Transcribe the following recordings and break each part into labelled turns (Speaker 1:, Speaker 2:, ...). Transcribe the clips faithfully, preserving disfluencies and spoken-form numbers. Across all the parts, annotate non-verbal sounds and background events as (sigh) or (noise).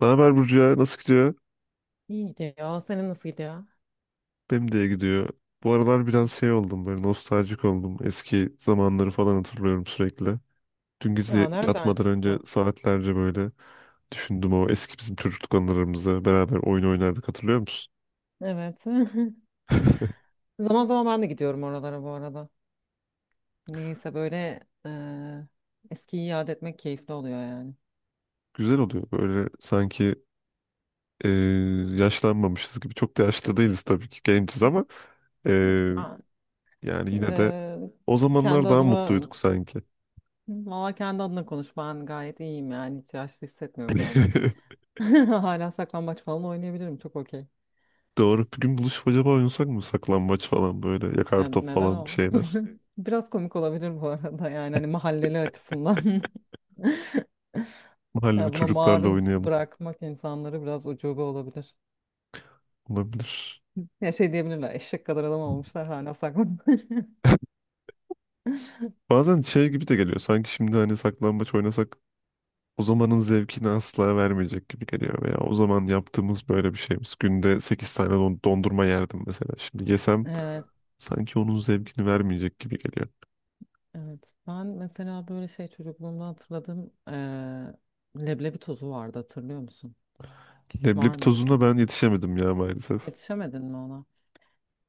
Speaker 1: Ne haber Burcu ya? Nasıl gidiyor?
Speaker 2: İyi gidiyor. Senin nasıl gidiyor?
Speaker 1: Benim de iyi gidiyor. Bu aralar biraz şey oldum böyle nostaljik oldum. Eski zamanları falan hatırlıyorum sürekli. Dün gece
Speaker 2: Ya nereden
Speaker 1: yatmadan önce
Speaker 2: çıktı?
Speaker 1: saatlerce böyle düşündüm o eski bizim çocukluk anılarımızı. Beraber oyun oynardık hatırlıyor musun?
Speaker 2: Evet. (laughs)
Speaker 1: (laughs)
Speaker 2: Zaman zaman ben de gidiyorum oralara bu arada. Neyse böyle eee eskiyi yad etmek keyifli oluyor yani.
Speaker 1: Güzel oluyor böyle sanki e, yaşlanmamışız gibi. Çok da yaşlı değiliz tabii ki genciz ama e,
Speaker 2: Ben
Speaker 1: yani yine de
Speaker 2: eee,
Speaker 1: o
Speaker 2: kendi
Speaker 1: zamanlar daha
Speaker 2: adıma
Speaker 1: mutluyduk sanki.
Speaker 2: valla kendi adına konuş. Ben gayet iyiyim yani. Hiç yaşlı hissetmiyorum kendimi.
Speaker 1: (laughs)
Speaker 2: (laughs) Hala saklambaç falan oynayabilirim. Çok okey.
Speaker 1: Doğru. Bir gün buluşup acaba oynasak mı? Saklambaç falan böyle. Yakar
Speaker 2: Ne-
Speaker 1: top
Speaker 2: neden
Speaker 1: falan bir
Speaker 2: oldu?
Speaker 1: şeyler.
Speaker 2: (laughs) Biraz komik olabilir bu arada yani hani mahalleli açısından. (laughs)
Speaker 1: Mahallede
Speaker 2: Yani buna
Speaker 1: çocuklarla
Speaker 2: maruz
Speaker 1: oynayalım.
Speaker 2: bırakmak insanları biraz ucube olabilir.
Speaker 1: Olabilir.
Speaker 2: Ya şey diyebilirler, eşek kadar adam olmuşlar hala saklanıyor. (laughs)
Speaker 1: (laughs) Bazen şey gibi de geliyor. Sanki şimdi hani saklambaç oynasak o zamanın zevkini asla vermeyecek gibi geliyor. Veya o zaman yaptığımız böyle bir şeyimiz. Günde sekiz tane don- dondurma yerdim mesela. Şimdi yesem
Speaker 2: Evet,
Speaker 1: sanki onun zevkini vermeyecek gibi geliyor.
Speaker 2: evet. Ben mesela böyle şey çocukluğumda hatırladığım eee, leblebi tozu vardı hatırlıyor musun?
Speaker 1: Leblebi
Speaker 2: Var
Speaker 1: tozuna
Speaker 2: mıydı?
Speaker 1: ben yetişemedim ya maalesef.
Speaker 2: Yetişemedin mi ona?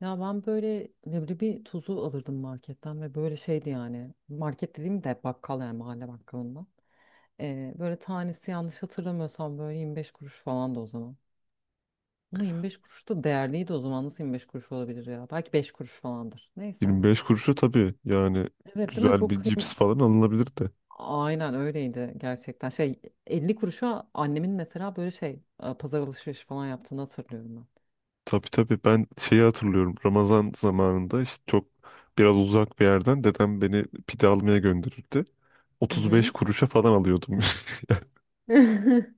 Speaker 2: Ya ben böyle leblebi tozu alırdım marketten ve böyle şeydi yani. Market dediğim de bakkal yani mahalle bakkalından. Eee, böyle tanesi yanlış hatırlamıyorsam böyle 25 kuruş falan da o zaman. Ama 25 kuruş da değerliydi o zaman. Nasıl 25 kuruş olabilir ya? Belki beş kuruş falandır. Neyse.
Speaker 1: 25 kuruşu tabii yani
Speaker 2: Evet değil mi?
Speaker 1: güzel
Speaker 2: Çok
Speaker 1: bir cips
Speaker 2: kıym
Speaker 1: falan alınabilir de.
Speaker 2: Aynen öyleydi gerçekten. Şey elli kuruşa annemin mesela böyle şey e, pazar alışverişi falan yaptığını hatırlıyorum
Speaker 1: Tabii tabii ben şeyi hatırlıyorum. Ramazan zamanında işte çok biraz uzak bir yerden dedem beni pide almaya gönderirdi.
Speaker 2: ben. Hı
Speaker 1: 35
Speaker 2: hı.
Speaker 1: kuruşa falan alıyordum.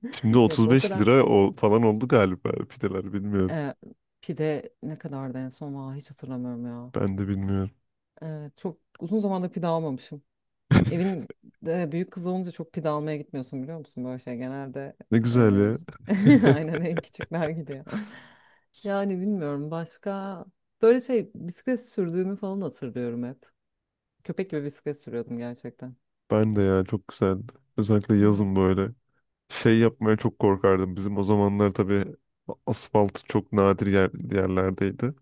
Speaker 1: (laughs) Şimdi
Speaker 2: Yok o
Speaker 1: 35
Speaker 2: kadar.
Speaker 1: lira o falan oldu galiba pideler bilmiyorum.
Speaker 2: E, pide ne kadardı en son? Aa, hiç hatırlamıyorum ya.
Speaker 1: Ben de bilmiyorum.
Speaker 2: Evet, çok uzun zamandır pide almamışım.
Speaker 1: (laughs)
Speaker 2: Evin e, büyük kızı olunca çok pide almaya gitmiyorsun biliyor musun? Böyle şey genelde
Speaker 1: Ne güzel
Speaker 2: e,
Speaker 1: ya.
Speaker 2: (laughs) aynen
Speaker 1: (laughs)
Speaker 2: en küçükler gidiyor. (laughs) Yani bilmiyorum başka böyle şey bisiklet sürdüğümü falan hatırlıyorum hep. Köpek gibi bisiklet sürüyordum gerçekten.
Speaker 1: Ben de ya çok güzeldi. Özellikle
Speaker 2: Evet.
Speaker 1: yazın böyle şey yapmaya çok korkardım. Bizim o zamanlar tabii asfalt çok nadir yer, yerlerdeydi.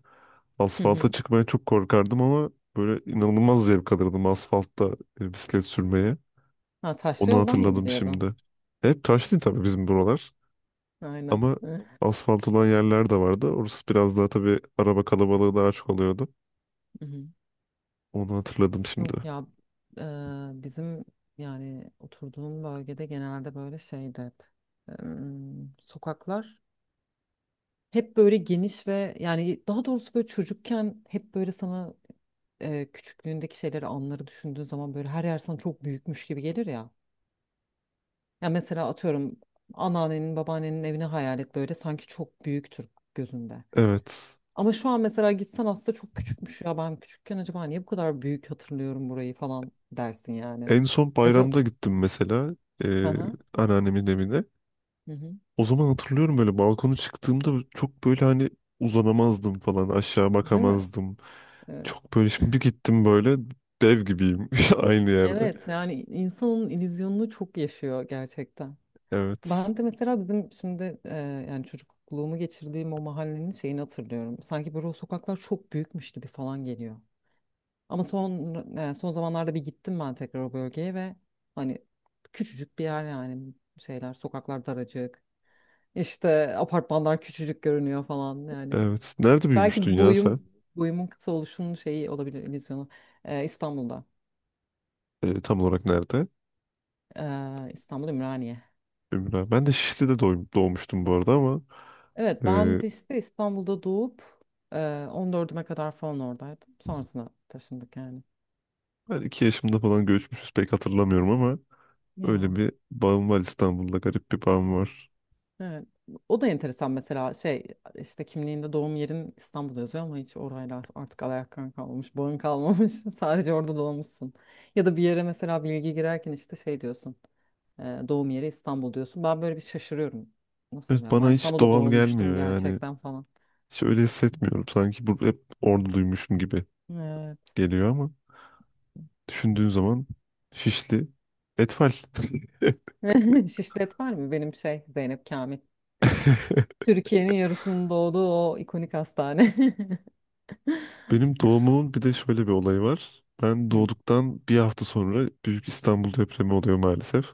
Speaker 2: Hı
Speaker 1: Asfalta
Speaker 2: hı.
Speaker 1: çıkmaya çok korkardım ama böyle inanılmaz zevk alırdım asfaltta e, bisiklet sürmeye.
Speaker 2: Ha, taşlı
Speaker 1: Onu
Speaker 2: yoldan mı
Speaker 1: hatırladım
Speaker 2: gidiyordun?
Speaker 1: şimdi. Hep taş değil tabii bizim buralar.
Speaker 2: Aynen.
Speaker 1: Ama
Speaker 2: Hı
Speaker 1: asfalt olan yerler de vardı. Orası biraz daha tabii araba kalabalığı daha çok oluyordu.
Speaker 2: hı. hı.
Speaker 1: Onu hatırladım şimdi.
Speaker 2: Yok ya, e, bizim yani oturduğum bölgede genelde böyle şeydi hep. Em, sokaklar hep böyle geniş ve yani daha doğrusu böyle çocukken hep böyle sana e, küçüklüğündeki şeyleri, anları düşündüğün zaman böyle her yer sana çok büyükmüş gibi gelir ya. Ya mesela atıyorum anneannenin, babaannenin evini hayal et böyle sanki çok büyüktür gözünde.
Speaker 1: Evet.
Speaker 2: Ama şu an mesela gitsen aslında çok küçükmüş ya ben küçükken acaba niye bu kadar büyük hatırlıyorum burayı falan dersin yani.
Speaker 1: En son
Speaker 2: Ya za-
Speaker 1: bayramda gittim mesela e,
Speaker 2: Aha,
Speaker 1: anneannemin evine.
Speaker 2: hı hı.
Speaker 1: O zaman hatırlıyorum böyle balkona çıktığımda çok böyle hani uzanamazdım falan aşağı
Speaker 2: Değil mi?
Speaker 1: bakamazdım.
Speaker 2: Evet.
Speaker 1: Çok böyle şimdi bir gittim böyle dev gibiyim (laughs) aynı yerde.
Speaker 2: Evet yani insanın illüzyonunu çok yaşıyor gerçekten.
Speaker 1: Evet.
Speaker 2: Ben de mesela bizim şimdi e, yani çocukluğumu geçirdiğim o mahallenin şeyini hatırlıyorum. Sanki böyle o sokaklar çok büyükmüş gibi falan geliyor. Ama son e, son zamanlarda bir gittim ben tekrar o bölgeye ve hani küçücük bir yer yani şeyler sokaklar daracık. İşte apartmanlar küçücük görünüyor falan yani.
Speaker 1: Evet. Nerede büyümüştün
Speaker 2: Belki
Speaker 1: ya sen?
Speaker 2: boyum boyumun kısa oluşunun şeyi olabilir illüzyonu. E, İstanbul'da.
Speaker 1: E, tam olarak nerede?
Speaker 2: E, İstanbul Ümraniye.
Speaker 1: Ömür abi. Ben de Şişli'de doğum- doğmuştum bu arada ama
Speaker 2: Evet
Speaker 1: e,
Speaker 2: ben de işte İstanbul'da doğup e, on dördüme kadar falan oradaydım. Sonrasına taşındık yani.
Speaker 1: ben iki yaşımda falan göçmüşüz pek hatırlamıyorum ama öyle
Speaker 2: Ya
Speaker 1: bir bağım var İstanbul'da garip bir bağım var.
Speaker 2: evet. O da enteresan mesela şey işte kimliğinde doğum yerin İstanbul'da yazıyor ama hiç orayla artık alakan kalmamış, bağın kalmamış. (laughs) Sadece orada doğmuşsun. Ya da bir yere mesela bilgi girerken işte şey diyorsun. e, Doğum yeri İstanbul diyorsun. Ben böyle bir şaşırıyorum. Nasıl
Speaker 1: Evet
Speaker 2: ya?
Speaker 1: bana
Speaker 2: Ben
Speaker 1: hiç
Speaker 2: İstanbul'da
Speaker 1: doğal
Speaker 2: doğmuştum
Speaker 1: gelmiyor yani.
Speaker 2: gerçekten falan.
Speaker 1: Hiç öyle hissetmiyorum. Sanki burada hep orduluymuşum gibi
Speaker 2: Evet.
Speaker 1: geliyor ama düşündüğün zaman Şişli Etfal. (laughs)
Speaker 2: (laughs) Şişlet var mı? Benim şey Zeynep Kamil. Türkiye'nin yarısının doğduğu o ikonik hastane.
Speaker 1: Benim doğumumun bir de şöyle bir olayı var. Ben
Speaker 2: (laughs) Hı.
Speaker 1: doğduktan bir hafta sonra Büyük İstanbul depremi oluyor maalesef.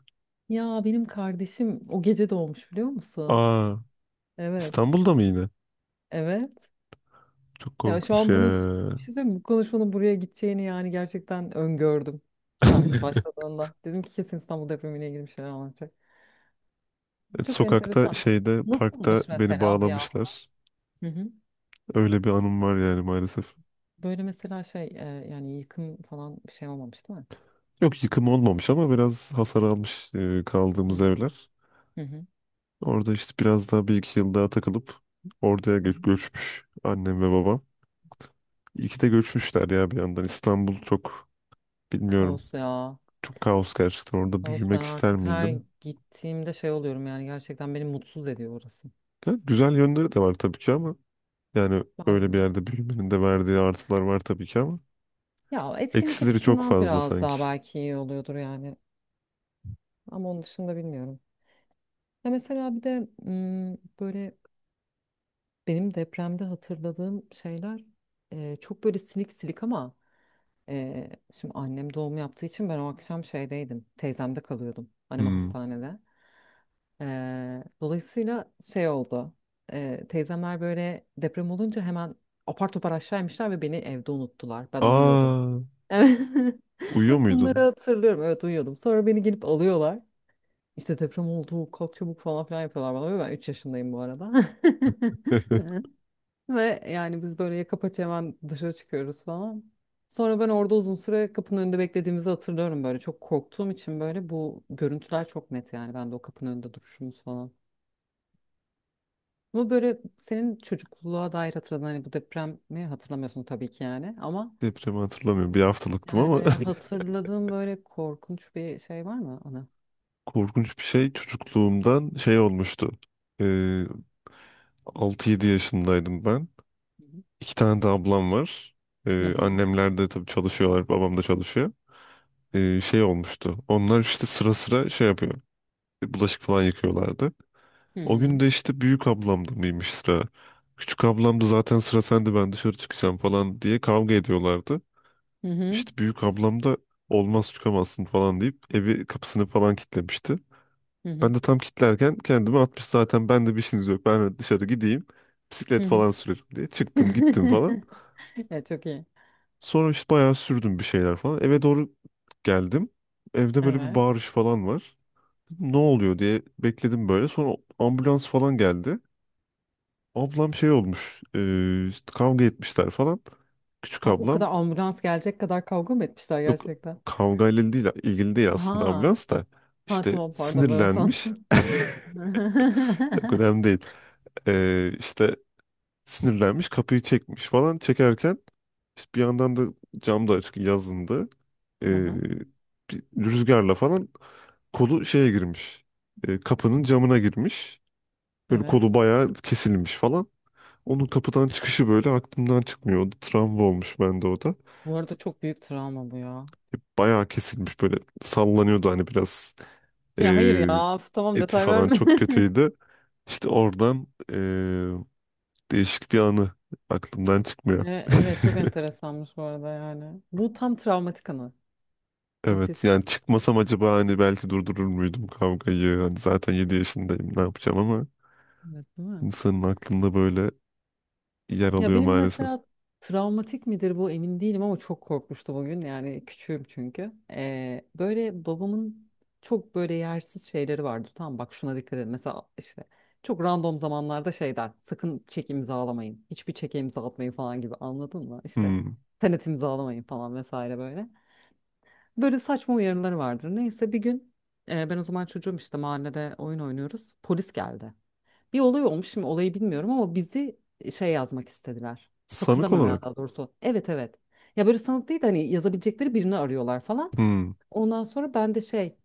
Speaker 2: Ya benim kardeşim o gece doğmuş biliyor musun?
Speaker 1: Aa,
Speaker 2: Evet.
Speaker 1: İstanbul'da mı yine?
Speaker 2: Evet.
Speaker 1: Çok
Speaker 2: Ya şu
Speaker 1: korkunç
Speaker 2: an
Speaker 1: ya.
Speaker 2: bunu bir şey söyleyeyim mi? Bu konuşmanın buraya gideceğini yani gerçekten öngördüm. Sen
Speaker 1: (laughs)
Speaker 2: başladığında. Dedim ki kesin İstanbul depremiyle ilgili bir şeyler anlatacak.
Speaker 1: Evet,
Speaker 2: Çok
Speaker 1: Sokakta
Speaker 2: enteresan.
Speaker 1: şeyde parkta
Speaker 2: Nasılmış
Speaker 1: beni
Speaker 2: mesela bir hafta?
Speaker 1: bağlamışlar.
Speaker 2: Hı hı.
Speaker 1: Öyle bir anım var yani maalesef.
Speaker 2: Böyle mesela şey e, yani yıkım falan bir şey olmamış değil mi?
Speaker 1: Yok yıkım olmamış ama biraz hasar almış e,
Speaker 2: Hı
Speaker 1: kaldığımız
Speaker 2: hı.
Speaker 1: evler.
Speaker 2: Hı hı.
Speaker 1: Orada işte biraz daha bir iki yıl daha takılıp oraya
Speaker 2: Hı hı.
Speaker 1: gö- göçmüş annem ve babam. İyi ki de göçmüşler ya bir yandan. İstanbul çok bilmiyorum.
Speaker 2: Kaos ya.
Speaker 1: Çok kaos gerçekten. Orada
Speaker 2: Ağustos ben
Speaker 1: büyümek ister
Speaker 2: artık her
Speaker 1: miydim?
Speaker 2: gittiğimde şey oluyorum yani gerçekten beni mutsuz ediyor orası.
Speaker 1: Yani güzel yönleri de var tabii ki ama yani öyle bir
Speaker 2: Ben
Speaker 1: yerde büyümenin de verdiği artılar var tabii ki ama
Speaker 2: ya etkinlik
Speaker 1: eksileri çok
Speaker 2: açısından
Speaker 1: fazla
Speaker 2: biraz
Speaker 1: sanki.
Speaker 2: daha belki iyi oluyordur yani ama onun dışında bilmiyorum. Ya mesela bir de mm, böyle benim depremde hatırladığım şeyler e, çok böyle silik silik ama e, şimdi annem doğum yaptığı için ben o akşam şeydeydim teyzemde kalıyordum annem
Speaker 1: Hmm.
Speaker 2: hastanede. Ee, dolayısıyla şey oldu. Ee, teyzemler böyle deprem olunca hemen apar topar aşağı inmişler ve beni evde unuttular. Ben uyuyordum.
Speaker 1: Aa,
Speaker 2: Evet. (laughs)
Speaker 1: uyuyor
Speaker 2: Bunları
Speaker 1: muydun?
Speaker 2: hatırlıyorum. Evet uyuyordum. Sonra beni gelip alıyorlar. İşte deprem oldu, kalk çabuk falan filan yapıyorlar bana. Ve ben üç yaşındayım bu arada. (laughs)
Speaker 1: (laughs)
Speaker 2: Ve yani biz böyle yaka paça hemen dışarı çıkıyoruz falan. Sonra ben orada uzun süre kapının önünde beklediğimizi hatırlıyorum böyle. Çok korktuğum için böyle bu görüntüler çok net yani. Ben de o kapının önünde duruşumuz falan. Ama böyle senin çocukluğa dair hatırladığın hani bu depremi hatırlamıyorsun tabii ki yani ama
Speaker 1: Depremi hatırlamıyorum. Bir haftalıktım
Speaker 2: yani
Speaker 1: ama
Speaker 2: böyle hatırladığın böyle korkunç bir şey var mı ana?
Speaker 1: (laughs) korkunç bir şey çocukluğumdan şey olmuştu. Ee, Altı yedi yaşındaydım ben.
Speaker 2: Hı hı.
Speaker 1: İki tane de ablam var.
Speaker 2: Hı
Speaker 1: Ee,
Speaker 2: hı.
Speaker 1: annemler de tabii çalışıyorlar. Babam da çalışıyor. Ee, şey olmuştu. Onlar işte sıra sıra şey yapıyor. Bulaşık falan yıkıyorlardı. O gün de işte büyük ablamda mıymış sıra. Küçük ablam da zaten sıra sende ben dışarı çıkacağım falan diye kavga ediyorlardı.
Speaker 2: Hı hı.
Speaker 1: İşte büyük ablam da olmaz çıkamazsın falan deyip evi kapısını falan kilitlemişti.
Speaker 2: Hı
Speaker 1: Ben
Speaker 2: hı.
Speaker 1: de tam kilitlerken kendimi atmış zaten ben de bir işiniz yok. Ben dışarı gideyim
Speaker 2: Hı
Speaker 1: bisiklet
Speaker 2: hı.
Speaker 1: falan sürerim diye çıktım gittim falan.
Speaker 2: (laughs) Evet çok iyi.
Speaker 1: Sonra işte bayağı sürdüm bir şeyler falan. Eve doğru geldim. Evde böyle bir
Speaker 2: Evet.
Speaker 1: bağırış falan var. Ne oluyor diye bekledim böyle. Sonra ambulans falan geldi. Ablam şey olmuş. E, işte kavga etmişler falan. Küçük
Speaker 2: Ha o
Speaker 1: ablam
Speaker 2: kadar ambulans gelecek kadar kavga mı etmişler
Speaker 1: yok
Speaker 2: gerçekten?
Speaker 1: kavgayla değil ilgili değil aslında
Speaker 2: Ha.
Speaker 1: ambulans da.
Speaker 2: Ha
Speaker 1: İşte
Speaker 2: tamam pardon böyle
Speaker 1: sinirlenmiş.
Speaker 2: sandım.
Speaker 1: (laughs) Yok
Speaker 2: (laughs)
Speaker 1: önemli değil. E, işte sinirlenmiş kapıyı çekmiş falan çekerken işte bir yandan da cam da açık yazındı.
Speaker 2: Hı
Speaker 1: E,
Speaker 2: hı.
Speaker 1: bir rüzgarla falan Kolu şeye girmiş. E, kapının camına girmiş. Böyle
Speaker 2: Evet.
Speaker 1: kolu bayağı kesilmiş falan. Onun kapıdan çıkışı böyle aklımdan çıkmıyor. O da Travma olmuş bende o da.
Speaker 2: Bu arada çok büyük travma bu ya.
Speaker 1: Bayağı kesilmiş böyle sallanıyordu hani biraz e,
Speaker 2: Ya hayır ya. Of, tamam
Speaker 1: eti
Speaker 2: detay
Speaker 1: falan
Speaker 2: verme.
Speaker 1: çok
Speaker 2: (laughs)
Speaker 1: kötüydü. İşte oradan e, değişik bir anı aklımdan
Speaker 2: E,
Speaker 1: çıkmıyor.
Speaker 2: evet çok
Speaker 1: (laughs)
Speaker 2: enteresanmış bu arada yani. Bu tam travmatik anı. Müthiş.
Speaker 1: Evet yani çıkmasam acaba hani belki durdurur muydum kavgayı? Hani zaten yedi yaşındayım ne yapacağım ama
Speaker 2: Evet değil mi?
Speaker 1: insanın aklında böyle yer
Speaker 2: Ya
Speaker 1: alıyor
Speaker 2: benim
Speaker 1: maalesef.
Speaker 2: mesela travmatik midir bu emin değilim ama çok korkmuştu bugün. Yani küçüğüm çünkü. E, böyle babamın çok böyle yersiz şeyleri vardı. Tamam bak şuna dikkat edin. Mesela işte çok random zamanlarda şey der. Sakın çek imzalamayın. Hiçbir çeke imza atmayın falan gibi anladın mı? İşte
Speaker 1: Hmm.
Speaker 2: senet imzalamayın falan vesaire böyle. Böyle saçma uyarıları vardır. Neyse bir gün e, ben o zaman çocuğum işte mahallede oyun oynuyoruz. Polis geldi. Bir olay olmuş şimdi olayı bilmiyorum ama bizi şey yazmak istediler.
Speaker 1: Sanık
Speaker 2: Hatırlamıyorum ya
Speaker 1: olarak.
Speaker 2: daha doğrusu. Evet, evet. Ya böyle sanık değil de hani yazabilecekleri birini arıyorlar falan.
Speaker 1: Hmm.
Speaker 2: Ondan sonra ben de şey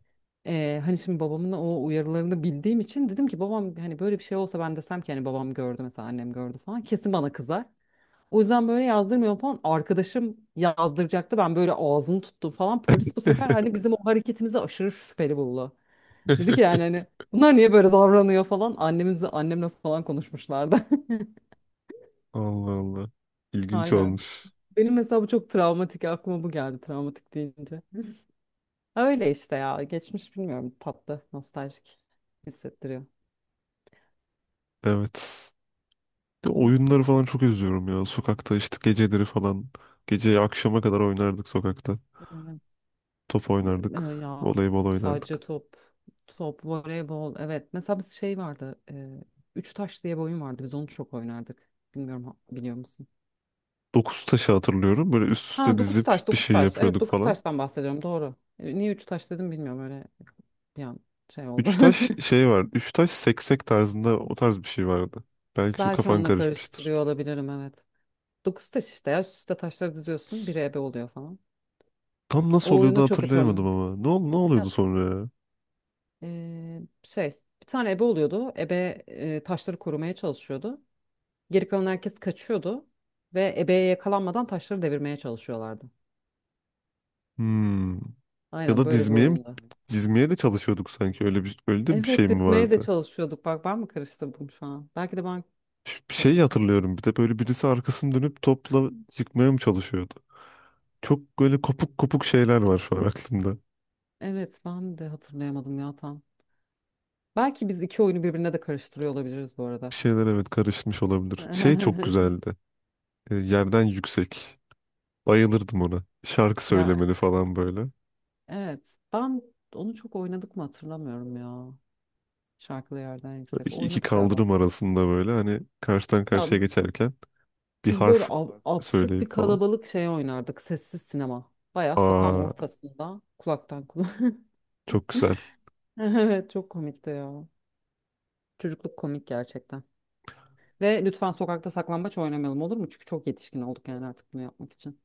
Speaker 2: e, hani şimdi babamın o uyarılarını bildiğim için dedim ki babam hani böyle bir şey olsa ben desem ki hani babam gördü mesela annem gördü falan kesin bana kızar. O yüzden böyle yazdırmıyor falan. Arkadaşım yazdıracaktı. Ben böyle ağzını tuttum falan. Polis bu sefer hani
Speaker 1: (laughs)
Speaker 2: bizim o hareketimizi aşırı şüpheli buldu. Dedi ki yani hani bunlar niye böyle davranıyor falan. Annemizle annemle falan konuşmuşlardı.
Speaker 1: Allah Allah.
Speaker 2: (laughs)
Speaker 1: İlginç
Speaker 2: Aynen.
Speaker 1: olmuş.
Speaker 2: Benim mesela bu çok travmatik. Aklıma bu geldi travmatik deyince. Öyle işte ya. Geçmiş bilmiyorum. Tatlı, nostaljik hissettiriyor.
Speaker 1: Evet. Bir de oyunları falan çok özlüyorum ya. Sokakta işte geceleri falan. Gece akşama kadar oynardık sokakta.
Speaker 2: Evet.
Speaker 1: Top oynardık.
Speaker 2: E, Ya
Speaker 1: Voleybol
Speaker 2: sadece
Speaker 1: oynardık.
Speaker 2: top, top, voleybol. Evet. Mesela biz şey vardı. E, üç taş diye bir oyun vardı. Biz onu çok oynardık. Bilmiyorum, ha- biliyor musun?
Speaker 1: Dokuz taşı hatırlıyorum. Böyle üst üste
Speaker 2: Ha, dokuz
Speaker 1: dizip
Speaker 2: taş,
Speaker 1: bir
Speaker 2: dokuz
Speaker 1: şey
Speaker 2: taş. Evet
Speaker 1: yapıyorduk
Speaker 2: dokuz
Speaker 1: falan.
Speaker 2: taştan bahsediyorum. Doğru. E, Niye üç taş dedim bilmiyorum. Öyle bir an şey oldu.
Speaker 1: Üç taş şey var. Üç taş seksek tarzında o tarz bir şey vardı.
Speaker 2: (laughs)
Speaker 1: Belki şu
Speaker 2: Belki
Speaker 1: kafan
Speaker 2: onunla
Speaker 1: karışmıştır.
Speaker 2: karıştırıyor olabilirim. Evet. Dokuz taş işte ya. Üst üste taşları diziyorsun. Biri ebe oluyor falan.
Speaker 1: Tam nasıl
Speaker 2: O
Speaker 1: oluyordu
Speaker 2: oyunu çok
Speaker 1: hatırlayamadım
Speaker 2: hatırlıyorum.
Speaker 1: ama. Ne, ol- ne
Speaker 2: Ya,
Speaker 1: oluyordu sonra ya?
Speaker 2: e, şey bir tane ebe oluyordu. Ebe e, taşları korumaya çalışıyordu. Geri kalan herkes kaçıyordu ve ebeye yakalanmadan taşları devirmeye çalışıyorlardı.
Speaker 1: Hmm. Ya
Speaker 2: Aynen
Speaker 1: da
Speaker 2: böyle bir
Speaker 1: dizmeye mi?
Speaker 2: oyunda.
Speaker 1: Dizmeye de çalışıyorduk sanki. Öyle bir öyle de bir şey
Speaker 2: Evet
Speaker 1: mi
Speaker 2: dizmeye de
Speaker 1: vardı?
Speaker 2: çalışıyorduk. Bak ben mi karıştırdım şu an? Belki de ben
Speaker 1: Ş- Bir şey
Speaker 2: karıştım.
Speaker 1: hatırlıyorum. Bir de böyle birisi arkasını dönüp topla yıkmaya mı çalışıyordu? Çok böyle kopuk kopuk şeyler var şu an aklımda.
Speaker 2: Evet ben de hatırlayamadım ya tam. Belki biz iki oyunu birbirine de karıştırıyor olabiliriz bu arada.
Speaker 1: Bir şeyler evet karışmış olabilir. Şey çok
Speaker 2: (laughs)
Speaker 1: güzeldi. E, yerden yüksek. Bayılırdım ona. Şarkı
Speaker 2: Ya
Speaker 1: söylemeli falan böyle.
Speaker 2: evet, ben onu çok oynadık mı hatırlamıyorum ya. Şarkılı yerden yüksek.
Speaker 1: İki, iki
Speaker 2: Oynadık galiba.
Speaker 1: kaldırım arasında böyle hani karşıdan
Speaker 2: Ya
Speaker 1: karşıya geçerken bir
Speaker 2: biz böyle
Speaker 1: harf
Speaker 2: ab- absürt bir
Speaker 1: söyleyip falan.
Speaker 2: kalabalık şey oynardık. Sessiz sinema. Bayağı sokağın
Speaker 1: Aa,
Speaker 2: ortasında kulaktan kulağa. (laughs)
Speaker 1: çok güzel.
Speaker 2: Evet çok komikti ya. Çocukluk komik gerçekten. Ve lütfen sokakta saklambaç oynamayalım olur mu? Çünkü çok yetişkin olduk yani artık bunu yapmak için.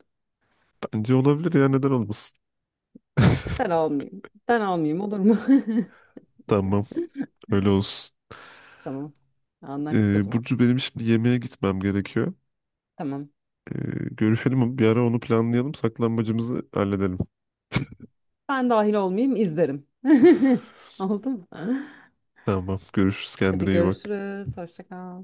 Speaker 1: Bence olabilir ya neden olmasın? (laughs)
Speaker 2: Ben almayayım. Ben almayayım olur mu?
Speaker 1: Tamam. Öyle olsun.
Speaker 2: (laughs) Tamam. Anlaştık o
Speaker 1: Ee,
Speaker 2: zaman.
Speaker 1: Burcu benim şimdi yemeğe gitmem gerekiyor.
Speaker 2: Tamam.
Speaker 1: Ee, görüşelim bir ara onu planlayalım. Saklanmacımızı halledelim.
Speaker 2: Ben dahil olmayayım izlerim. (laughs) Oldu mu?
Speaker 1: Tamam. Görüşürüz. Kendine
Speaker 2: Hadi
Speaker 1: iyi bak.
Speaker 2: görüşürüz. Hoşça kal.